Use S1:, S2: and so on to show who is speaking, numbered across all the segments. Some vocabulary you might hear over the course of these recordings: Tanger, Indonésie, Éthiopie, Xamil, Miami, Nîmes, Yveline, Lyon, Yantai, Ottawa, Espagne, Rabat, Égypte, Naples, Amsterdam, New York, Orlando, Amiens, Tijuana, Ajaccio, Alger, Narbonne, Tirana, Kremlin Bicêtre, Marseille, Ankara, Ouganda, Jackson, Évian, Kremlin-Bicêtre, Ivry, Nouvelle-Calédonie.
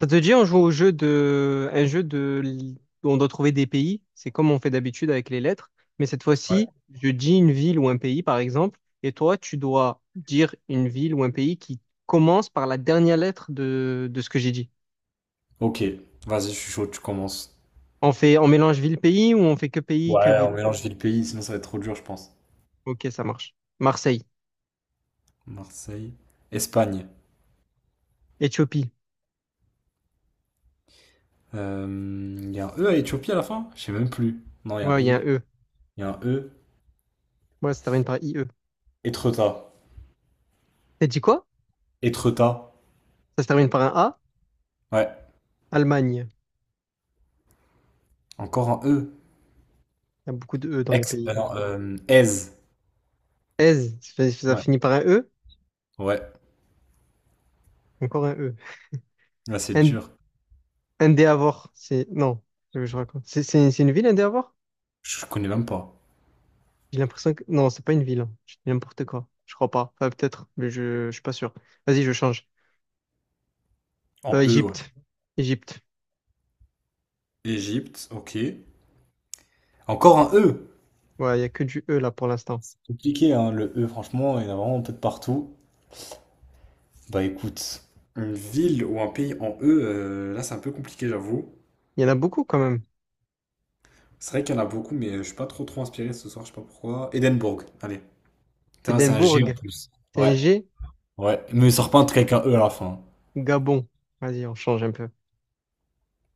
S1: Ça te dit, on joue au jeu de... un jeu de... où on doit trouver des pays. C'est comme on fait d'habitude avec les lettres. Mais cette
S2: Ouais.
S1: fois-ci, je dis une ville ou un pays, par exemple, et toi, tu dois dire une ville ou un pays qui commence par la dernière lettre de ce que j'ai dit.
S2: Ok, vas-y, je suis chaud, tu commences.
S1: On fait... on mélange ville-pays ou on fait que pays, que
S2: Ouais, on
S1: ville?
S2: mélange ville-pays, sinon ça va être trop dur, je pense.
S1: Ok, ça marche. Marseille.
S2: Marseille. Espagne.
S1: Éthiopie.
S2: Il y a un E à Éthiopie à la fin? Je sais même plus. Non, il y a un
S1: Ouais, il y a
S2: I.
S1: un E.
S2: Il y a un E.
S1: Ouais, ça se termine par I E.
S2: Étretat.
S1: T'as dit quoi?
S2: Étretat.
S1: Ça se termine par un A.
S2: Ouais.
S1: Allemagne.
S2: Encore un E.
S1: Il y a beaucoup de E dans les
S2: Ex.
S1: pays.
S2: Non, Aise.
S1: Aise, ça
S2: Ouais.
S1: finit par un E.
S2: Ouais.
S1: Encore un E.
S2: Là, c'est
S1: Ind-
S2: dur.
S1: Indéavor, c'est... Non, je raconte. C'est une ville, Indéavor?
S2: Je connais même pas.
S1: J'ai l'impression que... Non, c'est pas une ville, hein. Je dis n'importe quoi. Je crois pas. Enfin, peut-être, mais je suis pas sûr. Vas-y, je change.
S2: En E, ouais.
S1: Égypte. Égypte.
S2: Égypte, ok. Encore un E.
S1: Ouais, il y a que du E là pour l'instant.
S2: C'est compliqué, hein, le E, franchement, il y en a vraiment peut-être partout. Bah écoute, une ville ou un pays en E, là c'est un peu compliqué, j'avoue.
S1: Il y en a beaucoup quand même.
S2: C'est vrai qu'il y en a beaucoup, mais je suis pas trop inspiré ce soir, je sais pas pourquoi. Édimbourg, allez. Putain, c'est un
S1: Édimbourg.
S2: G en plus.
S1: C'est un
S2: Ouais,
S1: G.
S2: ouais. Mais il sort pas un truc avec un E à la fin.
S1: Gabon. Vas-y, on change un peu.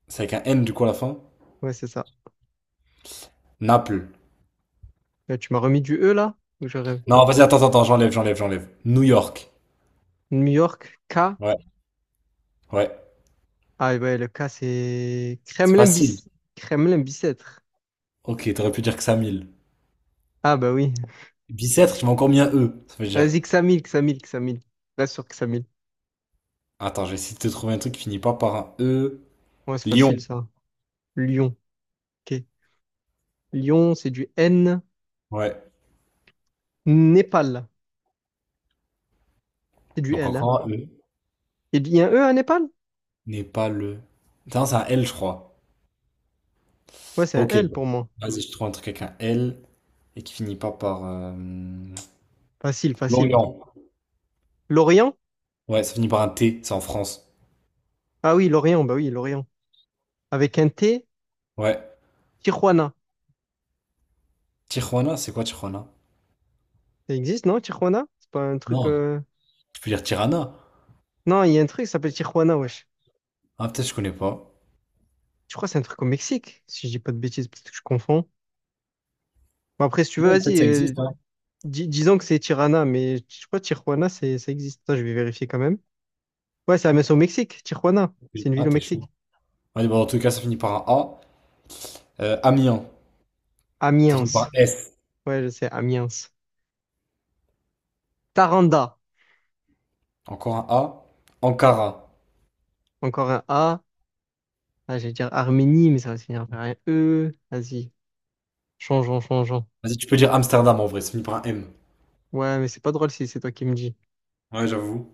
S2: C'est avec un N du coup à la fin.
S1: Ouais, c'est ça.
S2: Naples.
S1: Là, tu m'as remis du E là? Ou je rêve?
S2: Non, vas-y, attends, attends, j'enlève, j'enlève, j'enlève. New York.
S1: New York. K.
S2: Ouais, ouais.
S1: Ah ouais, le K c'est...
S2: C'est facile.
S1: Kremlin-Bis... Kremlin-Bicêtre.
S2: Ok, t'aurais pu dire que ça mille.
S1: Ah bah oui.
S2: Bicêtre, tu m'as encore mis un E, ça veut dire.
S1: Vas-y, Xamil, Xamil, Xamil. Reste sur Xamil.
S2: Attends, je vais essayer de te trouver un truc qui finit pas par un E.
S1: Ouais, c'est
S2: Lyon.
S1: facile ça. Lyon. Ok. Lyon, c'est du N.
S2: Ouais.
S1: Népal. C'est du
S2: Donc
S1: L, hein.
S2: encore un E.
S1: Il y a un E à Népal?
S2: N'est pas le. Putain, c'est un L, je crois.
S1: Ouais, c'est un
S2: Ok.
S1: L
S2: Bon.
S1: pour moi.
S2: Vas-y, je trouve un truc avec un L et qui finit pas par.
S1: Facile, facile.
S2: Lorient.
S1: Lorient?
S2: Ouais, ça finit par un T, c'est en France.
S1: Ah oui, Lorient, bah oui, Lorient. Avec un T,
S2: Ouais.
S1: Tijuana.
S2: Tijuana, c'est quoi Tijuana?
S1: Ça existe, non, Tijuana? C'est pas un truc,
S2: Non, tu peux dire Tirana.
S1: non, il y a un truc qui s'appelle Tijuana, wesh.
S2: Ah, peut-être je connais pas.
S1: Je crois que c'est un truc au Mexique, si je dis pas de bêtises, peut-être que je confonds. Bon, après, si tu veux,
S2: Peut-être
S1: vas-y,
S2: ça existe, hein.
S1: disons que c'est Tirana, mais je crois que Tijuana, c'est, ça existe. Attends, je vais vérifier quand même. Ouais, ça c'est au Mexique, Tijuana. C'est une
S2: Ah,
S1: ville au
S2: t'es chaud.
S1: Mexique.
S2: Ouais, bah, en tout cas, ça finit par un A. Amiens, ça finit par
S1: Amiens.
S2: un S.
S1: Ouais, je sais, Amiens. Taranda.
S2: Encore un A. Ankara.
S1: Encore un A. Ah, j'allais dire Arménie, mais ça va se finir par un E. Vas-y. Changeons, changeons.
S2: Vas-y, tu peux dire Amsterdam en vrai, ça finit par un M.
S1: Ouais, mais c'est pas drôle si c'est toi qui me dis.
S2: Ouais, j'avoue.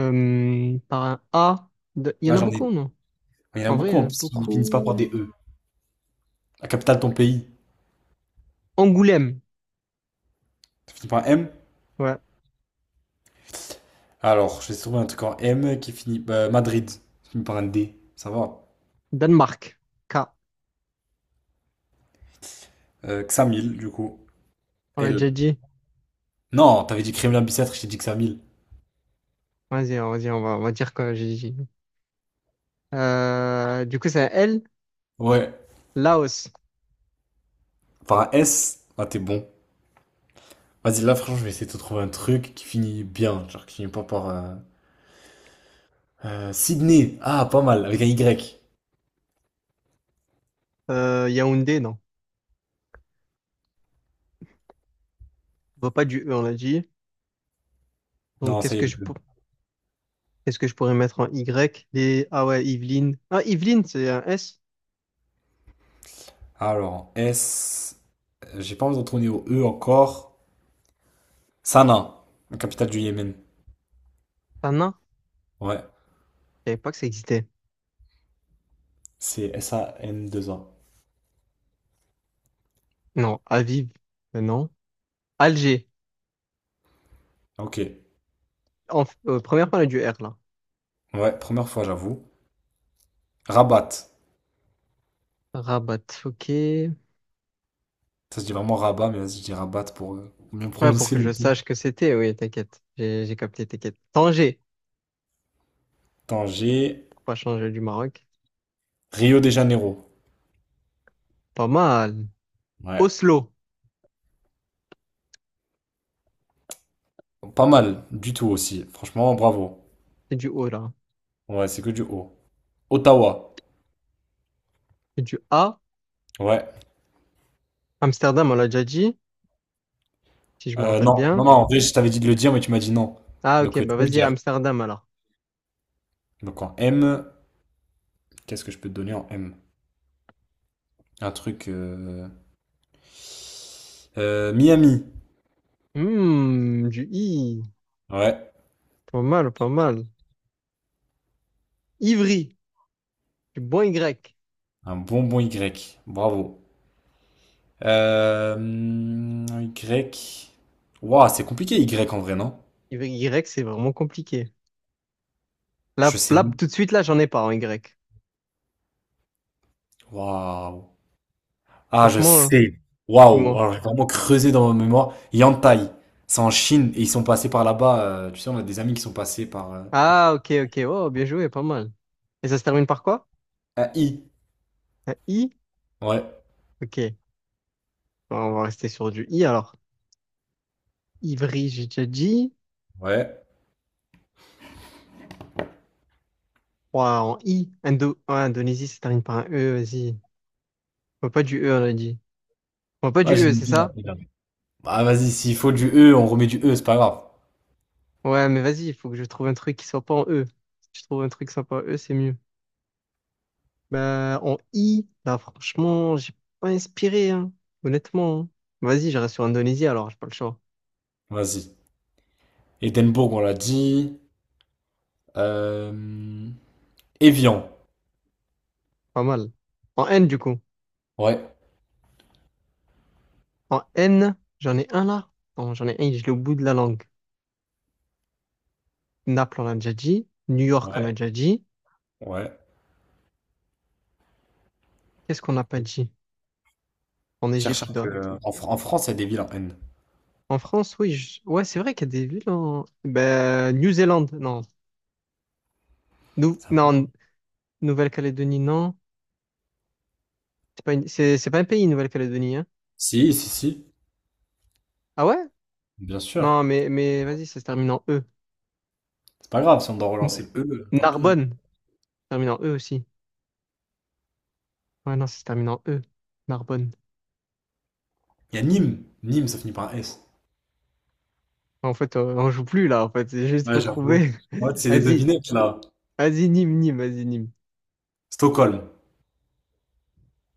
S1: Par un A. Il y en
S2: Là,
S1: a
S2: j'en ai.
S1: beaucoup, non?
S2: Il y en a
S1: En vrai,
S2: beaucoup
S1: il y
S2: en
S1: en a
S2: plus qui finissent pas par
S1: beaucoup.
S2: des E. La capitale de ton pays,
S1: Angoulême.
S2: ça finit par un M.
S1: Ouais.
S2: Alors, j'ai trouvé un truc en M qui finit. Madrid, qui finit par un D. Ça va.
S1: Danemark. K.
S2: Xamil, du coup.
S1: On l'a
S2: L.
S1: déjà dit.
S2: Non, t'avais dit Kremlin Bicêtre, je t'ai dit Xamil.
S1: Vas-y, vas-y, on va dire quoi j'ai dit. Du coup, c'est un L.
S2: Ouais.
S1: Laos.
S2: Par un S, ah, t'es bon. Vas-y, là, franchement, je vais essayer de te trouver un truc qui finit bien. Genre, qui finit pas par. Sydney. Ah, pas mal, avec un Y.
S1: Yaoundé, non. On voit pas du E, on l'a dit. Donc,
S2: Non, ça
S1: qu'est-ce
S2: y est.
S1: que je
S2: E.
S1: peux. Qu'est-ce que je pourrais mettre en Y? Les... Ah ouais, Yveline. Ah, Yveline, c'est un S.
S2: Alors, S. J'ai pas envie de retourner au E encore. Sanaa, la capitale du Yémen.
S1: Un nain.
S2: Ouais.
S1: Je savais pas que ça existait.
S2: C'est S-A-NAA.
S1: Non, Aviv, non. Alger.
S2: Ok.
S1: Première parole du R, là.
S2: Ouais, première fois, j'avoue. Rabat.
S1: Rabat, ok.
S2: Ça se dit vraiment Rabat, mais vas-y, je dis Rabat pour bien
S1: Ouais, pour
S2: prononcer
S1: que
S2: le
S1: je
S2: T.
S1: sache que c'était, oui, t'inquiète. J'ai capté, t'inquiète. Tanger,
S2: Tanger,
S1: pour pas changer du Maroc.
S2: Rio de Janeiro.
S1: Pas mal.
S2: Ouais.
S1: Oslo,
S2: Pas mal du tout aussi. Franchement, bravo.
S1: c'est du O, là.
S2: Ouais, c'est que du haut. Ottawa.
S1: C'est du A.
S2: Ouais.
S1: Amsterdam, on l'a déjà dit, si je me rappelle
S2: Non, non,
S1: bien.
S2: non, en vrai, je t'avais dit de le dire, mais tu m'as dit non.
S1: Ah, ok,
S2: Donc, tu
S1: bah
S2: peux le
S1: vas-y,
S2: dire.
S1: Amsterdam, alors.
S2: Donc, en M, qu'est-ce que je peux te donner en M? Un truc. Miami.
S1: Hmm, du I.
S2: Ouais.
S1: Pas mal, pas mal. Ivry. Je suis bon Y.
S2: Un bonbon Y. Bravo. Y. Waouh, c'est compliqué, Y en vrai, non?
S1: Y, c'est vraiment compliqué.
S2: Je
S1: Là,
S2: sais.
S1: là, tout de suite, là, j'en ai pas en Y.
S2: Waouh. Ah, je
S1: Franchement, hein,
S2: sais. Waouh.
S1: dis-moi.
S2: Alors, j'ai vraiment creusé dans ma mémoire. Yantai. C'est en Chine et ils sont passés par là-bas. Tu sais, on a des amis qui sont passés par
S1: Ah, ok, ok. Oh, bien joué, pas mal. Et ça se termine par quoi?
S2: un I.
S1: Un I?
S2: Ouais.
S1: Ok. Bon, on va rester sur du I alors. Ivry, j'ai déjà dit.
S2: Ouais.
S1: Ouah, en I. Indo... ouais, Indonésie, ça se termine par un E, vas-y. On va pas du E, on a dit. On va pas
S2: Ah,
S1: du
S2: j'ai
S1: E,
S2: une
S1: c'est
S2: ville.
S1: ça?
S2: Bah, vas-y, s'il faut du E, on remet du E, c'est pas grave.
S1: Ouais, mais vas-y, il faut que je trouve un truc qui soit pas en E. Si je trouve un truc qui soit pas en E, c'est mieux. Bah, en I, là, franchement, j'ai pas inspiré, hein, honnêtement, hein. Vas-y, je reste sur Indonésie, alors, j'ai pas le choix.
S2: Vas-y. Édimbourg, on l'a dit. Euh... Évian.
S1: Pas mal. En N, du coup.
S2: Ouais.
S1: En N, j'en ai un là. Non, j'en ai un, je l'ai au bout de la langue. Naples, on a déjà dit. New York, on a
S2: Ouais.
S1: déjà dit.
S2: Ouais.
S1: Qu'est-ce qu'on n'a pas dit? En
S2: Cherche un
S1: Égypte, il
S2: peu.
S1: doit-
S2: En France, il y a des villes en N.
S1: En France, oui. Ouais, c'est vrai qu'il y a des villes en... Ben, New Zealand, non.
S2: Ça paye.
S1: Non, Nouvelle-Calédonie, non. C'est pas une- c'est pas un pays, Nouvelle-Calédonie, hein.
S2: Si, si, si.
S1: Ah ouais?
S2: Bien sûr.
S1: Non, mais vas-y, ça se termine en E.
S2: C'est pas grave, si on doit
S1: N-
S2: relancer le E, tant pis, hein.
S1: Narbonne. Terminant E aussi. Ouais, non, c'est terminant E. Narbonne.
S2: Il y a Nîmes. Nîmes, ça finit par un S.
S1: En fait, on joue plus là, en fait. C'est juste
S2: Ouais,
S1: faut
S2: j'avoue.
S1: trouver.
S2: Ouais, c'est des
S1: Vas-y,
S2: devinettes là.
S1: vas-y, Nîmes, Nîmes, vas-y, Nîmes.
S2: Stockholm.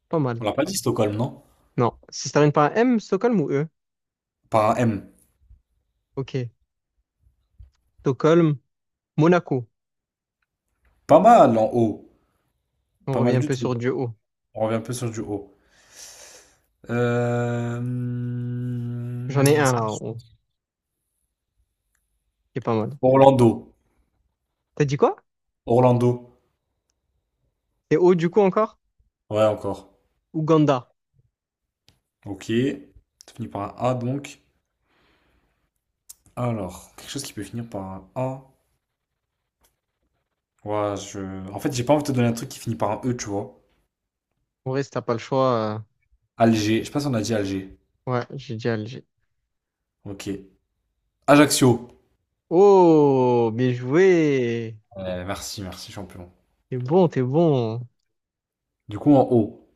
S1: Pas
S2: On
S1: mal.
S2: l'a pas dit Stockholm, non?
S1: Non, si ça termine par un M, Stockholm ou E?
S2: Par un M.
S1: Ok. Stockholm, Monaco.
S2: Pas mal en haut.
S1: On
S2: Pas
S1: revient
S2: mal
S1: un
S2: du
S1: peu
S2: tout.
S1: sur du haut.
S2: On revient un peu sur du haut. Euh... hum,
S1: J'en ai un
S2: ça-
S1: là en haut, qui est pas mal.
S2: Orlando.
S1: T'as dit quoi?
S2: Orlando.
S1: C'est haut du coup encore?
S2: Ouais, encore.
S1: Ouganda.
S2: Ok. Ça finit par un A donc. Alors, quelque chose qui peut finir par un A. Ouais, je... En fait, j'ai pas envie de te donner un truc qui finit par un E, tu vois.
S1: En vrai, si t'as pas le choix,
S2: Alger. Je sais pas si on a dit Alger.
S1: ouais, j'ai dit Alger.
S2: Ok. Ajaccio.
S1: Oh, bien joué!
S2: Ouais, merci, merci, champion.
S1: T'es bon, t'es bon.
S2: Du coup, en haut.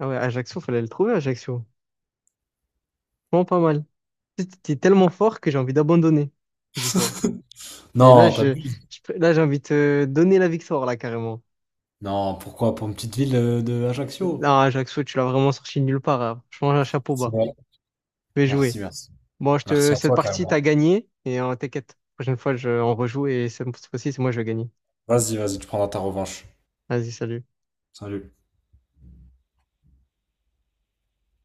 S1: Ah ouais, Ajaccio, fallait le trouver, Ajaccio. Bon, pas mal. T'es tellement fort que j'ai envie d'abandonner, dis-toi. Et là,
S2: Non, t'abuses.
S1: là, j'ai envie de te donner la victoire, là, carrément.
S2: Non, pourquoi? Pour une petite ville de Ajaccio.
S1: Non, Jackson, tu l'as vraiment sorti de nulle part, hein. Franchement, un chapeau
S2: C'est
S1: bas.
S2: vrai.
S1: Je vais
S2: Merci,
S1: jouer.
S2: merci.
S1: Bon,
S2: Merci à
S1: cette
S2: toi,
S1: partie,
S2: carrément.
S1: t'as gagné. Et t'inquiète, la prochaine fois, on rejoue. Et cette fois-ci, c'est moi, je vais gagner.
S2: Vas-y, vas-y, tu prendras ta revanche.
S1: Vas-y, salut.
S2: Salut.